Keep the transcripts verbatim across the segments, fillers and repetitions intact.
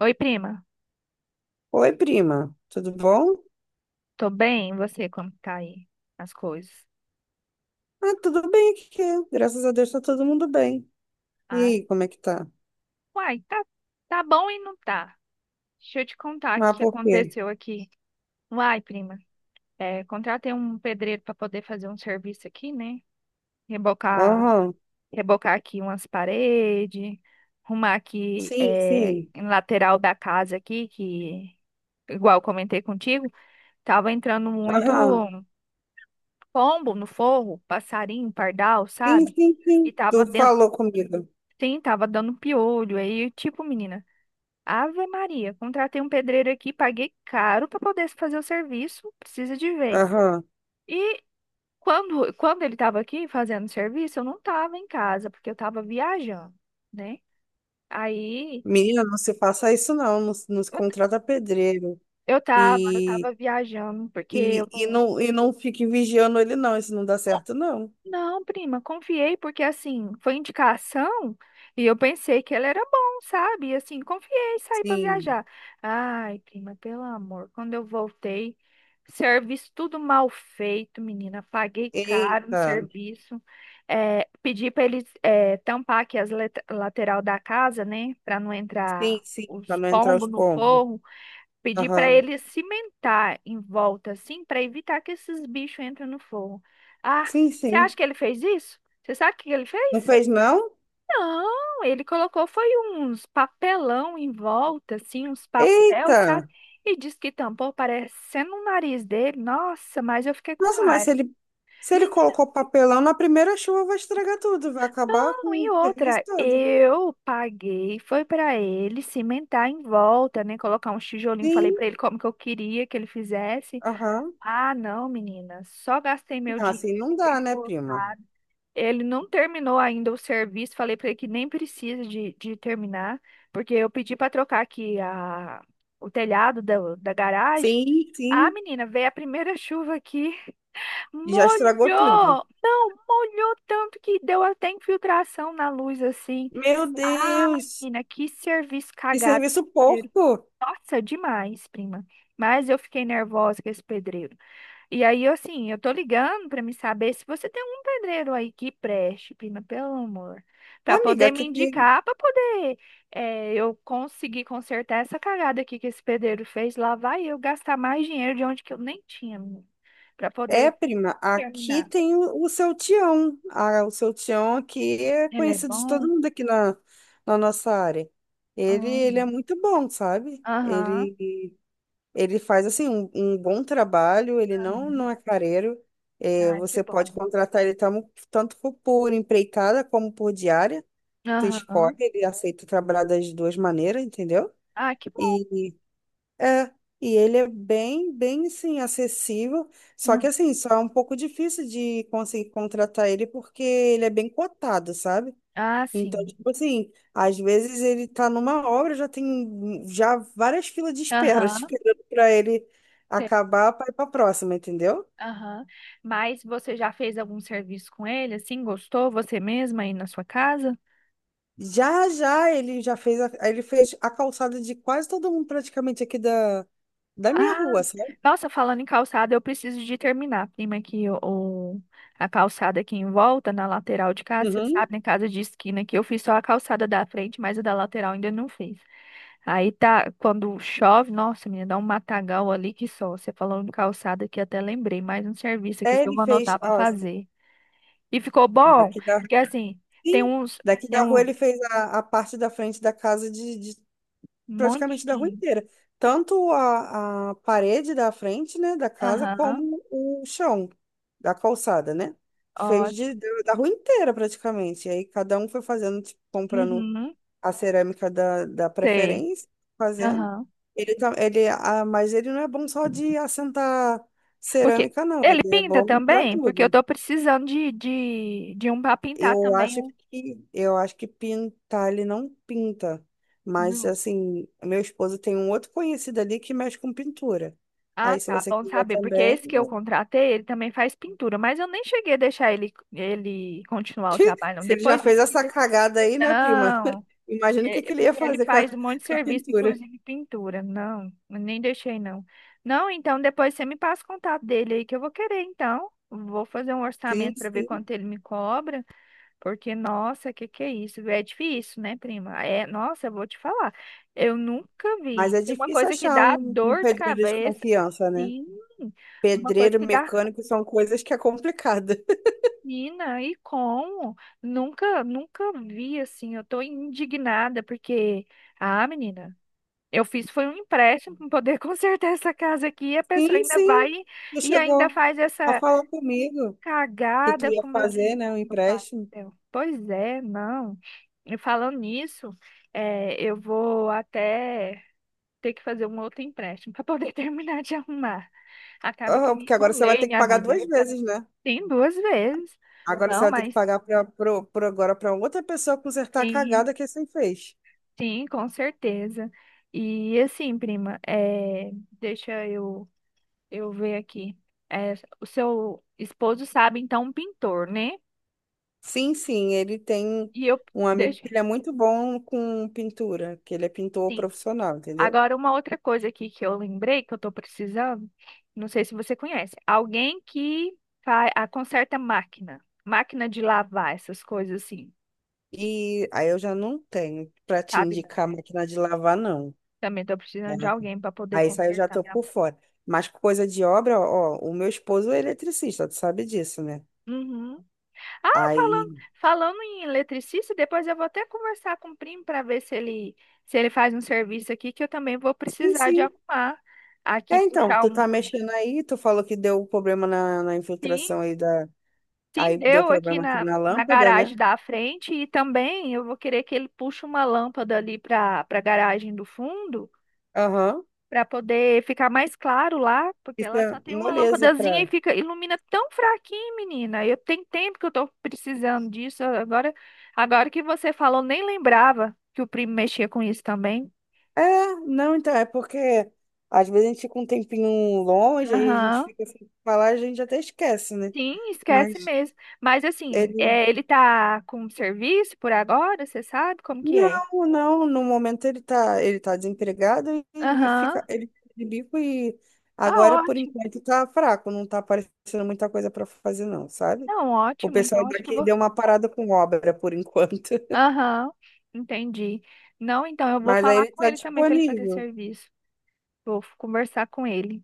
Oi, prima. Oi, prima, tudo bom? Tô bem? E você, como que tá aí as coisas? Ah, tudo bem aqui. Graças a Deus tá todo mundo bem. E Ah, aí, como é que tá? uai, tá, tá bom e não tá. Deixa eu te contar o Ah, que por quê? aconteceu aqui. Uai, prima, é, contratei um pedreiro para poder fazer um serviço aqui, né? Rebocar, Aham. rebocar aqui umas paredes, arrumar aqui Sim, é, sim. em lateral da casa aqui, que igual eu comentei contigo, tava entrando muito Aham. pombo no forro, passarinho, pardal, Sim, sabe? sim, sim. E tava Tu dentro. falou comigo. Sim, tava dando piolho. Aí, tipo, menina, Ave Maria, contratei um pedreiro aqui, paguei caro pra poder fazer o serviço, precisa de ver. Aham. E quando, quando ele tava aqui fazendo o serviço, eu não tava em casa, porque eu tava viajando, né? Aí, Menina, não se faça isso não, não, se- não se eu, contrata pedreiro. eu tava, eu E, tava viajando, porque eu e, e, não. não, e não fique vigiando ele não, isso não dá certo não. Não, prima, confiei porque assim, foi indicação e eu pensei que ela era bom, sabe? E assim, confiei, saí para Sim. viajar. Ai, prima, pelo amor, quando eu voltei, serviço tudo mal feito, menina, paguei caro no Eita. serviço. É, pedi para eles é, tampar aqui as let- lateral da casa, né, para não entrar Sim, sim, para os não entrar os pombos no pombos. forro. Pedir para Aham. ele cimentar em volta, assim, para evitar que esses bichos entrem no forno. Ah, Sim, você sim. acha que ele fez isso? Você sabe o que ele Não fez? fez não? Não, ele colocou foi uns papelão em volta, assim, uns papel, Eita! sabe? E disse que tampou parecendo o nariz dele. Nossa, mas eu fiquei com Nossa, mas se raiva. ele, se ele Menina, colocou papelão, na primeira chuva vai estragar tudo, vai acabar com não, e o serviço outra, todo. eu paguei, foi para ele cimentar em volta, né? Colocar um tijolinho, falei Sim, para ele como que eu queria que ele fizesse. aham. Ah, não, menina. Só gastei meu Ah, assim dinheiro. não dá, né, prima? Botado. Ele não terminou ainda o serviço. Falei pra ele que nem precisa de, de terminar, porque eu pedi pra trocar aqui a, o telhado da, da garagem. Sim, Ah, sim. menina, veio a primeira chuva aqui, Já estragou tudo. molhou! Não, molhou tanto que deu até infiltração na luz assim. Meu Ah, Deus, menina, que serviço que cagado. serviço Pedreiro. porco! Nossa, demais, prima. Mas eu fiquei nervosa com esse pedreiro. E aí, assim, eu tô ligando pra me saber se você tem um pedreiro aí que preste, prima, pelo amor, pra Amiga, poder me aqui tem. indicar, pra poder eh, eu conseguir consertar essa cagada aqui que esse pedreiro fez. Lá vai eu gastar mais dinheiro de onde que eu nem tinha, menina, pra É, poder prima, aqui terminar. tem o, o seu Tião. Ah, o seu Tião aqui é Ele é conhecido de todo bom? mundo aqui na, na nossa área. Ele, ele é Hum. muito bom, sabe? Aham. Ele. Ele faz assim um, um bom trabalho, ele não, não Uhum. é careiro. É, Ah, que você bom. pode contratar ele tamo- tanto por por empreitada como por diária. Tu escolhe, Aham. ele aceita trabalhar das duas maneiras, entendeu? Ah, que bom. E é, e ele é bem, bem assim, acessível. Só que Hum. assim, só é um pouco difícil de conseguir contratar ele porque ele é bem cotado, sabe? Ah, Então, sim. tipo assim, às vezes ele tá numa obra, já tem já várias filas de espera, Aham. esperando para ele acabar para ir para próxima, entendeu? Aham. Mas você já fez algum serviço com ele, assim? Gostou você mesma aí na sua casa? Já já ele já fez a, ele fez a calçada de quase todo mundo praticamente aqui da, da minha Ah, rua, sabe? nossa, falando em calçada, eu preciso de terminar, prima, que o, o- a calçada aqui em volta, na lateral de casa, você Uhum. sabe, na casa de esquina aqui, eu fiz só a calçada da frente, mas a da lateral ainda não fiz. Aí tá, quando chove, nossa, menina, dá um matagal ali que só. Você falando de calçada aqui, até lembrei, mais um serviço aqui É, que eu ele vou fez, anotar pra ó, fazer. E ficou bom, daqui da, porque assim, tem sim, uns. daqui Tem da rua um, ele fez a, a parte da frente da casa de, de um monte praticamente da de rua gente. inteira. Tanto a, a parede da frente, né, da casa, Aham, como o chão da calçada, né? Fez de, ótimo. da da rua inteira, praticamente. E aí cada um foi fazendo, tipo, comprando Uhum, a cerâmica da, da sei. preferência, fazendo. Aham. Ele, tam- ele, ah, mas ele não é bom só de assentar Ok. cerâmica, não. Ele Ele é pinta bom para também? Porque eu tudo. tô precisando de, de, de um pra pintar Eu também. acho Um... que eu acho que pintar ele não pinta, mas Não. assim, meu esposo tem um outro conhecido ali que mexe com pintura. Ah, Aí se tá. você Bom quiser saber. Porque também, esse que eu eu- contratei, ele também faz pintura. Mas eu nem cheguei a deixar ele, ele continuar o trabalho, não. se ele já Depois fez desse aqui. essa cagada aí, né, prima? Não. Imagina o que É, que ele ia porque ele fazer com a, faz um monte de com a serviço, pintura. inclusive pintura. Não, eu nem deixei não. Não, então depois você me passa o contato dele aí que eu vou querer, então. Vou fazer um Sim, orçamento para ver sim. quanto ele me cobra, porque nossa, que que é isso? É difícil, né, prima? É, nossa, eu vou te falar. Eu nunca Mas vi. é Tem uma difícil coisa que achar dá um, um dor de pedreiro de cabeça, confiança, né? sim. Uma coisa Pedreiro, que dá mecânico são coisas que é complicada. mina e como? Nunca, nunca vi assim. Eu tô indignada porque ah, menina, eu fiz foi um empréstimo para poder consertar essa casa aqui. E a pessoa Sim, ainda vai sim. Tu e ainda chegou faz a essa falar comigo que tu cagada ia com o meu fazer, dinheiro. né, um Meu pai do empréstimo. céu. Pois é, não. E falando nisso, é, eu vou até ter que fazer um outro empréstimo para poder terminar de arrumar. Acaba que eu Aham, me porque agora você vai enrolei ter que minha pagar vida. duas vezes, né? Tem duas vezes. Agora você Não, vai ter que mas pagar pra, pro, pro- agora para outra pessoa consertar a sim, cagada que você fez. sim, com certeza. E assim, prima, é, deixa eu eu ver aqui. É, o seu esposo sabe, então, um pintor, né? Sim, sim, ele tem E eu um amigo deixa. que ele é muito bom com pintura, que ele é pintor Sim. profissional, entendeu? Agora, uma outra coisa aqui que eu lembrei que eu tô precisando, não sei se você conhece alguém que faz, a, conserta máquina, máquina de lavar, essas coisas assim, E aí eu já não tenho pra te sabe? Não, indicar né? máquina de lavar, não. Também tô Né? precisando de alguém para poder Aí isso aí eu já consertar tô minha. por fora. Mas coisa de obra, ó, o meu esposo é eletricista, tu sabe disso, né? Uhum. Falando, Aí, falando em eletricista, depois eu vou até conversar com o primo para ver se ele, se ele faz um serviço aqui, que eu também vou sim, precisar de sim. arrumar aqui, É, então, puxar tu um. tá mexendo aí, tu falou que deu problema na, na Sim, infiltração aí da. sim, Aí deu deu aqui problema aqui na, na na lâmpada, garagem né? da frente e também eu vou querer que ele puxe uma lâmpada ali para para a garagem do fundo, Aham. para poder ficar mais claro lá, porque Isso lá é só tem uma moleza lâmpadazinha e pra. fica ilumina tão fraquinho, menina. Eu tenho tempo que eu tô precisando disso. Agora, agora que você falou, nem lembrava que o primo mexia com isso também. É, não, então, é porque às vezes a gente fica um tempinho longe, aí a gente Aham. fica sem falar, a gente até esquece, né? Sim, esquece Mas mesmo. Mas assim, ele. é, ele tá com serviço por agora, você sabe como que é? Não, não, no momento ele tá, ele tá desempregado e Aham. fica, ele fica de bico e Ah, agora por ótimo. enquanto tá fraco, não tá aparecendo muita coisa para fazer não, sabe? Não, O ótimo. pessoal Então acho que eu daqui vou. deu uma parada com obra por enquanto, Aham. Entendi. Não, então eu vou mas aí falar ele com tá ele também para ele fazer disponível, serviço. Vou conversar com ele.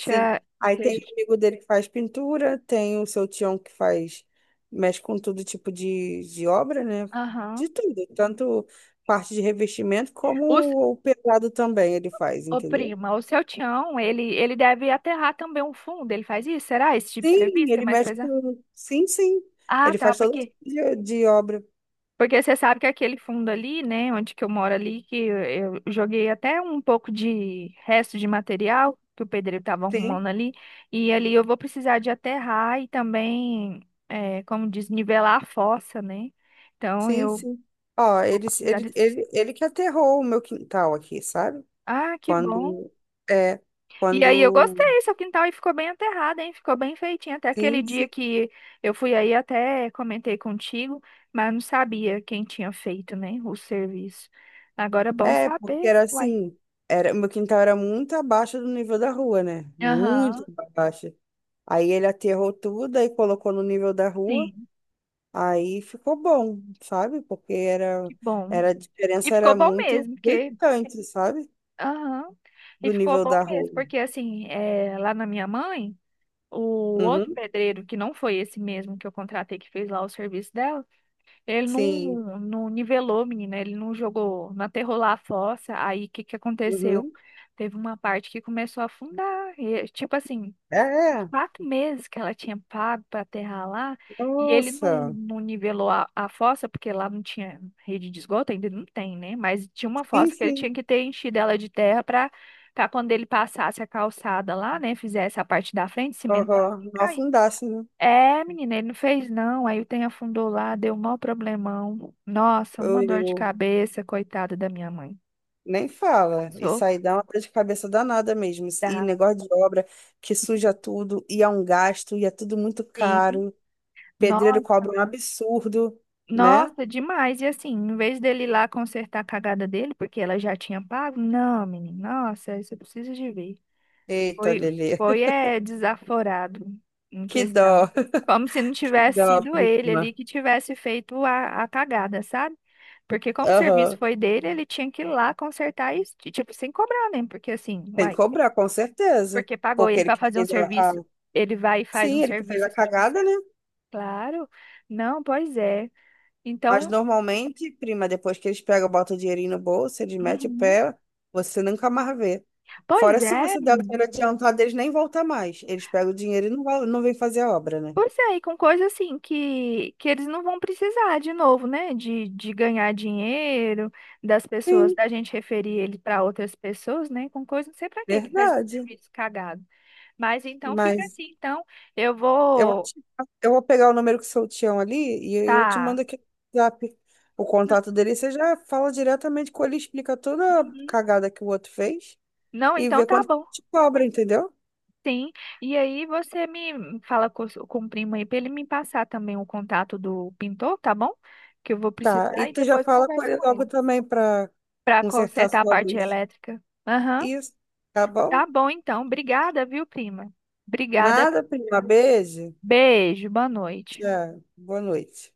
sim. Aí tem deixa. o amigo dele que faz pintura, tem o seu tião que faz, mexe com todo tipo de, de obra, né? Aham. De tudo, tanto parte de revestimento O, como o pesado também ele faz, ô, entendeu? prima, o seu Tião, ele, ele deve aterrar também um fundo. Ele faz isso? Será esse tipo de Sim, serviço que é ele mais mexe pesado? com. Sim, sim. Ah, Ele tá, faz todo tipo porque de, de obra. porque você sabe que aquele fundo ali, né, onde que eu moro ali, que eu, eu joguei até um pouco de resto de material que o pedreiro estava Sim, arrumando ali, e ali eu vou precisar de aterrar e também, é, como diz, nivelar a fossa, né? Então sim, eu sim. Ó, vou ele, precisar ele, desses. ele, ele que aterrou o meu quintal aqui, sabe? Ah, que bom. Quando. É, E aí eu quando. gostei, seu quintal aí ficou bem aterrado, hein? Ficou bem feitinho. Até aquele Sim, dia sim. que eu fui aí, até comentei contigo, mas não sabia quem tinha feito, né, o serviço. Agora é bom É, porque saber, era uai. assim. Era, o meu quintal era muito abaixo do nível da rua, né? Muito Aham, abaixo. Aí ele aterrou tudo, aí colocou no nível da rua. sim, Aí ficou bom, sabe? Porque era, que bom. era, a E diferença ficou era bom muito mesmo, porque... gritante, sabe? Aham, e Do ficou nível bom da mesmo, rua. porque assim, é, lá na minha mãe, o outro Uhum. pedreiro, que não foi esse mesmo que eu contratei, que fez lá o serviço dela, ele Sim. não, não nivelou, menina. Ele não jogou, não aterrou lá a fossa. Aí o que que aconteceu? Uhum. Teve uma parte que começou a afundar. E, tipo assim, É, uns é. quatro meses que ela tinha pago para aterrar lá. E ele não, Nossa. não nivelou a, a fossa, porque lá não tinha rede de esgoto, ainda não tem, né? Mas tinha uma Sim, fossa que ele tinha sim. que ter enchido ela de terra para para quando ele passasse a calçada lá, né? Fizesse a parte da frente, cimentar. Uhum. Não afundasse, né? É, menina, ele não fez não. Aí o trem afundou lá, deu um maior problemão. Nossa, Eu, uma dor de eu- cabeça, coitada da minha mãe. nem fala. Passou. Isso aí dá uma dor de cabeça danada mesmo. E Tá. negócio de obra que suja tudo, e é um gasto, e é tudo muito Sim. caro. Pedreiro Nossa, cobra um absurdo, né? nossa, demais. E assim, em vez dele ir lá consertar a cagada dele, porque ela já tinha pago, não, menina, nossa, isso eu preciso de ver. Eita, Foi, Lelê. foi é, desaforado em Que questão. dó, Como se não que tivesse dó, sido ele ali prima. que tivesse feito a, a cagada, sabe? Porque como o serviço Aham. foi dele, ele tinha que ir lá consertar isso, e, tipo, sem cobrar, né? Porque assim, Tem que uai, cobrar, com certeza. porque pagou Porque ele ele para que fazer um fez a... a- serviço, ele vai e faz um Sim, ele que fez serviço a assim, tipo, cagada, né? claro, não, pois é. Mas Então, normalmente, prima, depois que eles pegam, botam o dinheirinho no bolso, eles metem o uhum, pé, você nunca mais vê. pois Fora se é. você der o dinheiro adiantado, eles nem voltam mais. Eles pegam o dinheiro e não, vol- não vêm fazer a obra, né? Pois é, e com coisa assim que, que eles não vão precisar de novo, né? De, de ganhar dinheiro, das pessoas, Sim, da gente referir ele para outras pessoas, né? Com coisa, não sei para quê que faz esse verdade. serviço cagado. Mas então fica Mas assim, então eu eu, vou vou. te- eu vou pegar o número que seu tião ali e eu eu te Tá. mando aqui no WhatsApp o Não, contato dele. Você já fala diretamente com ele, explica toda a uhum. cagada que o outro fez Não, e então vê tá quanto que bom. te cobra, entendeu? Sim. E aí você me fala com, o- com o primo aí para ele me passar também o contato do pintor, tá bom? Que eu vou Tá, e precisar e tu já depois eu fala com converso ele com logo ele também para para consertar consertar a sua parte luz. elétrica. Aham. Isso, tá Tá bom? bom, então. Obrigada, viu, prima? Obrigada. Nada, prima. Beijo. Beijo, boa noite. Tchau. Boa noite.